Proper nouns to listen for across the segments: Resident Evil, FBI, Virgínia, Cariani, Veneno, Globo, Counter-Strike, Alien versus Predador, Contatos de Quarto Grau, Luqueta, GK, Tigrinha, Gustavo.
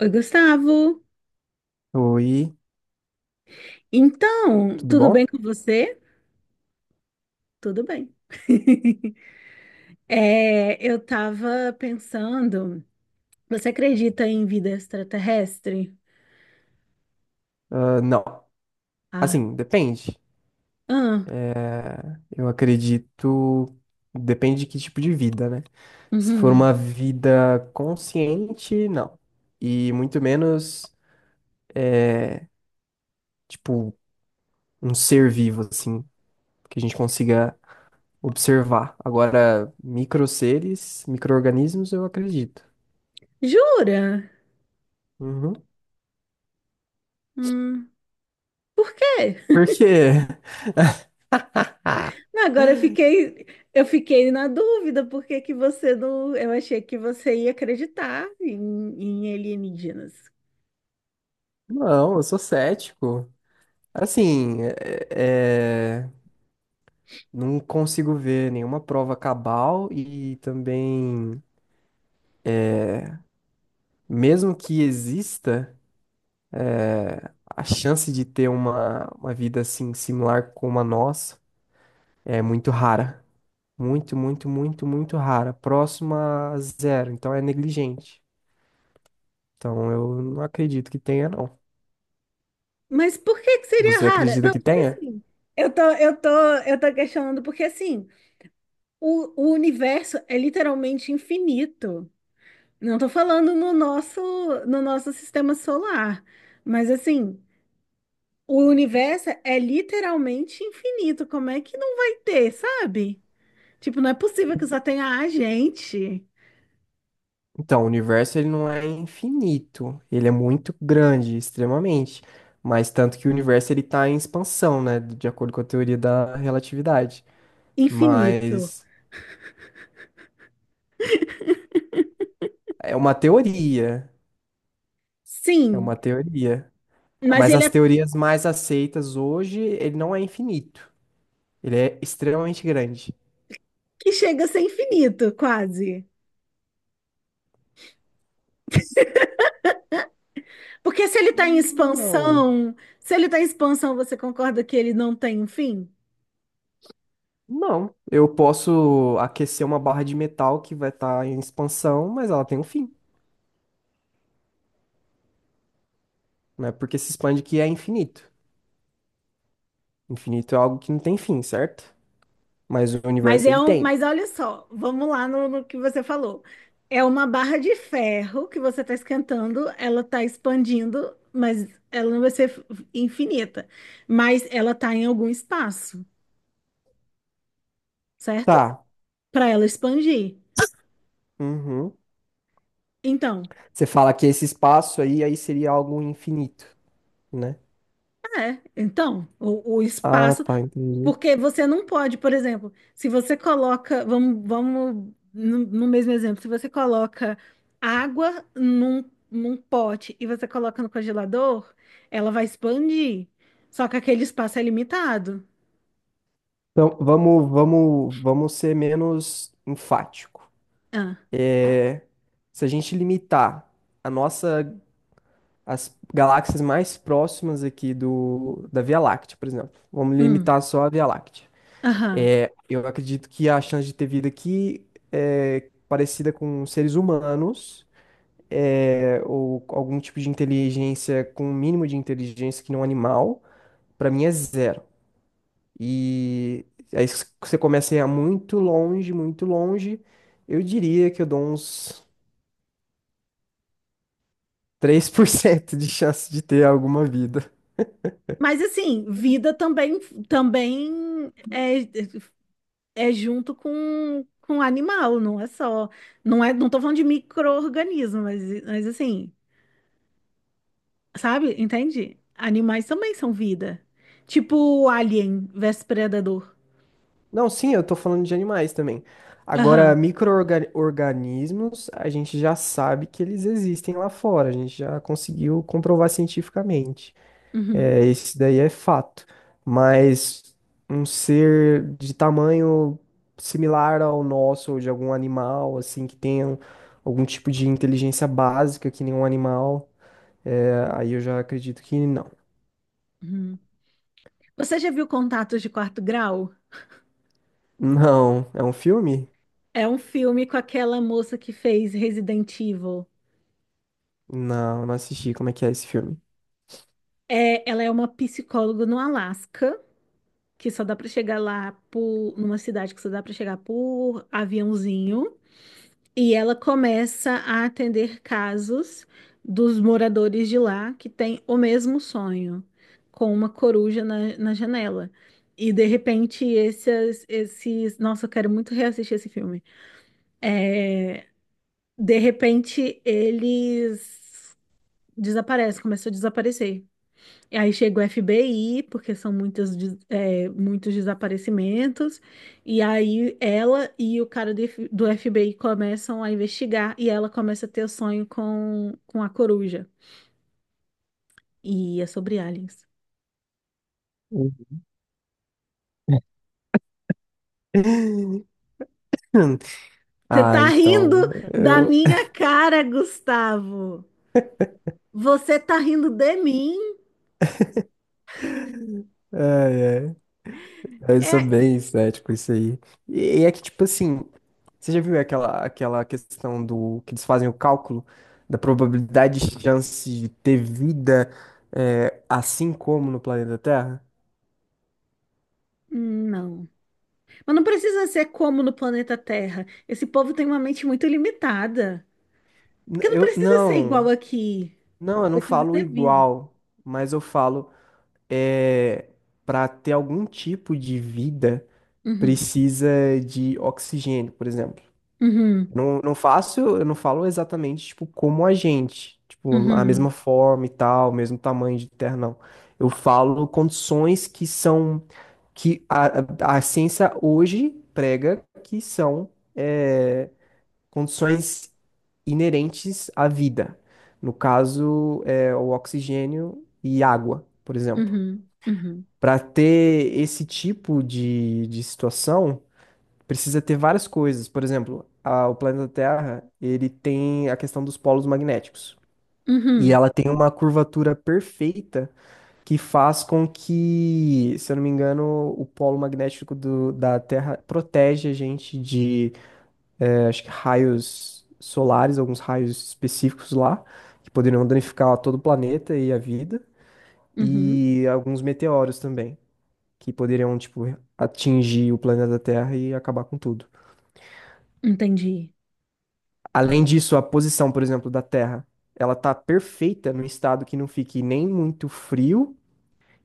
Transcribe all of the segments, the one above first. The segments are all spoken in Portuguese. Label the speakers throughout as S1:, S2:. S1: Oi, Gustavo.
S2: Oi,
S1: Então,
S2: tudo
S1: tudo bem
S2: bom?
S1: com você? Tudo bem. Eu tava pensando, você acredita em vida extraterrestre?
S2: Ah, não,
S1: Ah,
S2: assim, depende.
S1: ah,
S2: É, eu acredito, depende de que tipo de vida, né? Se for
S1: uhum.
S2: uma vida consciente, não. E muito menos, é, tipo, um ser vivo, assim, que a gente consiga observar. Agora, micro seres, micro-organismos, eu acredito.
S1: Jura?
S2: Uhum.
S1: Hum, por quê?
S2: Por quê?
S1: Não, agora eu fiquei, na dúvida, porque que você não, eu achei que você ia acreditar em alienígenas.
S2: Não, eu sou cético. Assim, não consigo ver nenhuma prova cabal e também, mesmo que exista, é, a chance de ter uma vida assim similar como a nossa é muito rara. Muito, muito, muito, muito rara. Próxima a zero. Então é negligente. Então eu não acredito que tenha, não.
S1: Mas por que que seria
S2: Você
S1: rara?
S2: acredita
S1: Não,
S2: que
S1: tipo
S2: tenha?
S1: assim, eu tô, eu tô, eu tô questionando porque assim, o universo é literalmente infinito. Não estou falando no nosso sistema solar, mas assim, o universo é literalmente infinito. Como é que não vai ter, sabe? Tipo, não é possível que só tenha a gente
S2: Então, o universo ele não é infinito, ele é muito grande, extremamente. Mas tanto que o universo ele está em expansão, né, de acordo com a teoria da relatividade.
S1: infinito.
S2: Mas é uma teoria, é
S1: Sim,
S2: uma teoria.
S1: mas
S2: Mas
S1: ele
S2: as
S1: é
S2: teorias mais aceitas hoje, ele não é infinito, ele é extremamente grande.
S1: que chega a ser infinito, quase. Porque se ele está em
S2: Não,
S1: expansão, se ele está em expansão, você concorda que ele não tem um fim?
S2: não. Eu posso aquecer uma barra de metal que vai estar em expansão, mas ela tem um fim, né? Porque se expande que é infinito. Infinito é algo que não tem fim, certo? Mas o
S1: Mas
S2: universo
S1: é
S2: ele
S1: um,
S2: tem.
S1: mas olha só, vamos lá no que você falou. É uma barra de ferro que você está esquentando, ela está expandindo, mas ela não vai ser infinita. Mas ela está em algum espaço, certo?
S2: Tá.
S1: Para ela expandir.
S2: Uhum.
S1: Então,
S2: Você fala que esse espaço aí seria algo infinito, né?
S1: o
S2: Ah,
S1: espaço.
S2: tá, entendi.
S1: Porque você não pode, por exemplo, se você coloca, vamos no mesmo exemplo, se você coloca água num pote e você coloca no congelador, ela vai expandir. Só que aquele espaço é limitado.
S2: Então, vamos ser menos enfático.
S1: Ah,
S2: Se a gente limitar a nossa, as galáxias mais próximas aqui da Via Láctea, por exemplo, vamos
S1: hum,
S2: limitar só a Via Láctea.
S1: aham.
S2: É, eu acredito que a chance de ter vida aqui é parecida com seres humanos é, ou algum tipo de inteligência com um mínimo de inteligência que não animal, pra mim é zero. E aí se você começa a ir muito longe, eu diria que eu dou uns 3% de chance de ter alguma vida.
S1: Mas assim, vida também é junto com animal, não é só. Não é, não tô falando de micro-organismo, mas assim. Sabe? Entende? Animais também são vida. Tipo o Alien versus Predador.
S2: Não, sim, eu tô falando de animais também. Agora,
S1: Aham.
S2: micro-organismos, a gente já sabe que eles existem lá fora, a gente já conseguiu comprovar cientificamente.
S1: Uhum.
S2: É, esse daí é fato. Mas um ser de tamanho similar ao nosso, ou de algum animal, assim, que tenha algum tipo de inteligência básica, que nem um animal, é, aí eu já acredito que não.
S1: Uhum. Você já viu Contatos de Quarto Grau?
S2: Não, é um filme?
S1: É um filme com aquela moça que fez Resident Evil.
S2: Não, não assisti. Como é que é esse filme?
S1: Ela é uma psicóloga no Alasca, que só dá pra chegar lá numa cidade que só dá pra chegar por aviãozinho. E ela começa a atender casos dos moradores de lá que têm o mesmo sonho, com uma coruja na janela. E de repente, esses, esses. Nossa, eu quero muito reassistir esse filme. De repente, eles desaparecem, começam a desaparecer. E aí chega o FBI, porque são muitas, muitos desaparecimentos, e aí ela e o cara do FBI começam a investigar, e ela começa a ter o sonho com a coruja. E é sobre aliens.
S2: Uhum.
S1: Você
S2: Ah,
S1: tá rindo
S2: então,
S1: da
S2: eu...
S1: minha cara, Gustavo! Você tá rindo de mim?
S2: ai, eu sou
S1: É.
S2: bem cético isso aí. E é que, tipo assim, você já viu aquela questão do que eles fazem o cálculo da probabilidade de chance de ter vida é, assim como no planeta Terra?
S1: Não. Mas não precisa ser como no planeta Terra. Esse povo tem uma mente muito limitada. Porque não
S2: Eu
S1: precisa ser igual aqui.
S2: não, eu não
S1: Precisa
S2: falo
S1: ter vida.
S2: igual, mas eu falo é, para ter algum tipo de vida
S1: Uhum.
S2: precisa de oxigênio, por exemplo.
S1: Uhum,
S2: Não, não faço, eu não falo exatamente, tipo, como a gente. Tipo, a mesma
S1: uhum,
S2: forma e tal, mesmo tamanho de terra, não. Eu falo condições que são, que a ciência hoje prega que são é, condições inerentes à vida. No caso, é, o oxigênio e água, por exemplo.
S1: uhum, uhum,
S2: Para ter esse tipo de situação, precisa ter várias coisas. Por exemplo, o planeta Terra, ele tem a questão dos polos magnéticos. E
S1: uhum,
S2: ela tem uma curvatura perfeita que faz com que, se eu não me engano, o polo magnético da Terra protege a gente de, acho que raios solares, alguns raios específicos lá, que poderiam danificar todo o planeta e a vida,
S1: uhum.
S2: e alguns meteoros também, que poderiam, tipo, atingir o planeta Terra e acabar com tudo.
S1: Entendi.
S2: Além disso, a posição, por exemplo, da Terra, ela tá perfeita num estado que não fique nem muito frio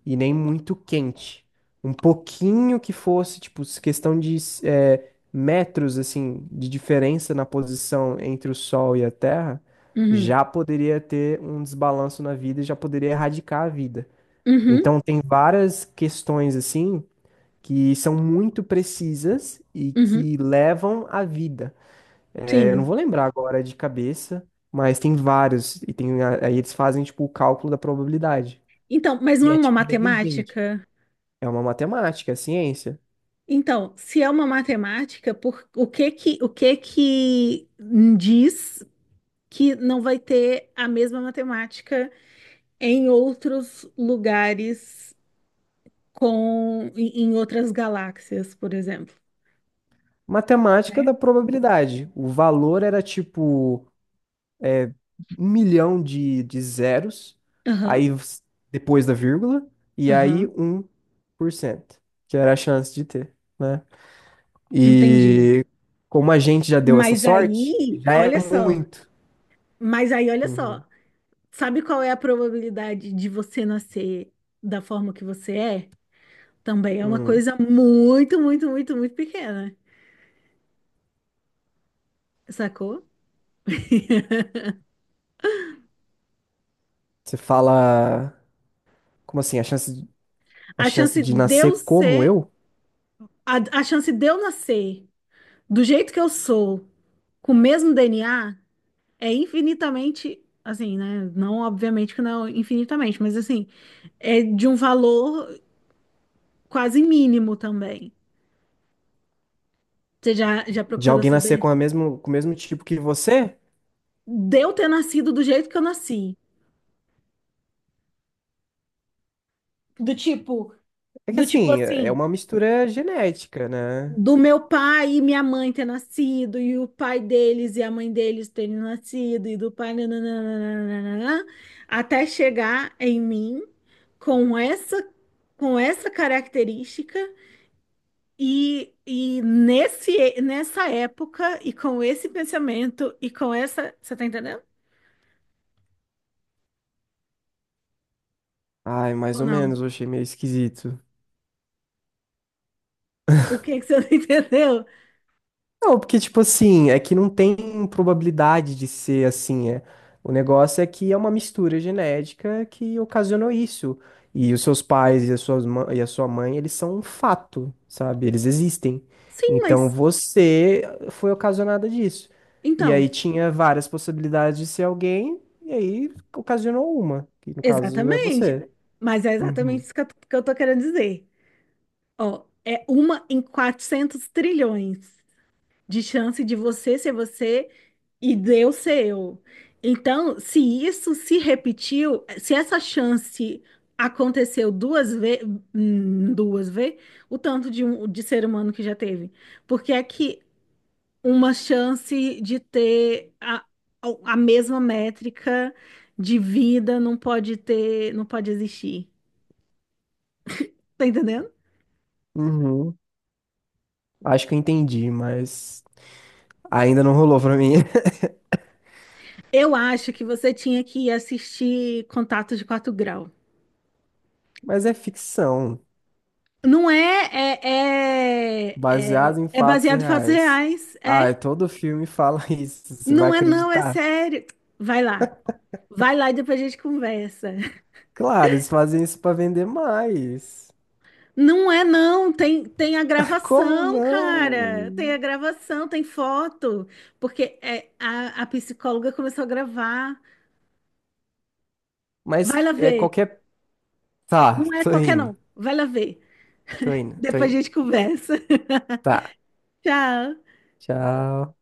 S2: e nem muito quente. Um pouquinho que fosse, tipo, questão de metros, assim, de diferença na posição entre o Sol e a Terra,
S1: Uhum,
S2: já poderia ter um desbalanço na vida e já poderia erradicar a vida.
S1: uhum,
S2: Então, tem várias questões, assim, que são muito precisas e
S1: uhum.
S2: que levam à vida. É, eu não
S1: Sim.
S2: vou lembrar agora de cabeça, mas tem vários. E tem, aí eles fazem, tipo, o cálculo da probabilidade.
S1: Então, mas
S2: E
S1: não é
S2: é
S1: uma
S2: tipo negligente.
S1: matemática?
S2: É uma matemática, é ciência.
S1: Então, se é uma matemática, o que que diz que não vai ter a mesma matemática em outros lugares em outras galáxias, por exemplo,
S2: Matemática
S1: né?
S2: da probabilidade. O valor era tipo 1.000.000 de zeros,
S1: Aham,
S2: aí s- depois da vírgula, e aí
S1: aham,
S2: 1%, que era a chance de ter, né?
S1: entendi.
S2: E como a gente já deu essa
S1: Mas
S2: sorte,
S1: aí,
S2: já é
S1: olha só.
S2: muito.
S1: Mas aí, olha
S2: Uhum.
S1: só, sabe qual é a probabilidade de você nascer da forma que você é? Também é uma
S2: Uhum.
S1: coisa muito, muito, muito, muito pequena, sacou?
S2: Você fala. Como assim? A
S1: A chance
S2: chance de
S1: de eu
S2: nascer como
S1: ser,
S2: eu?
S1: a chance de eu nascer do jeito que eu sou, com o mesmo DNA, é infinitamente, assim, né? Não, obviamente que não infinitamente, mas assim, é de um valor quase mínimo também. Você já
S2: De
S1: procurou
S2: alguém nascer com
S1: saber?
S2: a mesmo, com o mesmo tipo que você?
S1: De eu ter nascido do jeito que eu nasci. Do tipo,
S2: É que
S1: do tipo
S2: assim, é
S1: assim,
S2: uma mistura genética, né?
S1: do meu pai e minha mãe ter nascido, e o pai deles e a mãe deles terem nascido, e do pai, nananana, até chegar em mim com essa, com essa característica e nessa época e com esse pensamento e com essa. Você tá entendendo?
S2: Ai, mais
S1: Ou
S2: ou
S1: não?
S2: menos, eu achei meio esquisito.
S1: O que que você não entendeu?
S2: Não, porque, tipo assim, é que não tem probabilidade de ser assim, é. O negócio é que é uma mistura genética que ocasionou isso. E os seus pais e a sua mãe, eles são um fato, sabe? Eles existem.
S1: Sim,
S2: Então
S1: mas
S2: você foi ocasionada disso. E aí
S1: então,
S2: tinha várias possibilidades de ser alguém, e aí ocasionou uma, que no caso é
S1: exatamente.
S2: você.
S1: Mas é exatamente
S2: Uhum.
S1: isso que eu tô querendo dizer. Ó, é uma em 400 trilhões de chance de você ser você e Deus ser eu. Então, se isso se repetiu, se essa chance aconteceu duas vezes, o tanto de ser humano que já teve. Porque é que uma chance de ter a mesma métrica de vida não pode ter, não pode existir. Tá entendendo?
S2: Uhum. Acho que eu entendi, mas ainda não rolou pra mim.
S1: Eu acho que você tinha que assistir Contato de Quarto Grau.
S2: Mas é ficção.
S1: Não é, é, é,
S2: Baseado em
S1: é
S2: fatos
S1: baseado em fatos
S2: reais.
S1: reais. É.
S2: Ah, e todo filme fala isso, você vai
S1: Não é, não, é
S2: acreditar?
S1: sério. Vai lá. Vai lá e depois a gente conversa.
S2: Claro, eles fazem isso para vender mais.
S1: Não é, não. Tem a
S2: Como
S1: gravação, cara. Tem
S2: não?
S1: a gravação, tem foto. Porque a psicóloga começou a gravar. Vai
S2: Mas
S1: lá
S2: é
S1: ver.
S2: qualquer. Tá,
S1: Não é
S2: tô
S1: qualquer,
S2: indo,
S1: não. Vai lá ver.
S2: tô indo, tô
S1: Depois a
S2: indo.
S1: gente conversa.
S2: Tá,
S1: Tchau.
S2: tchau.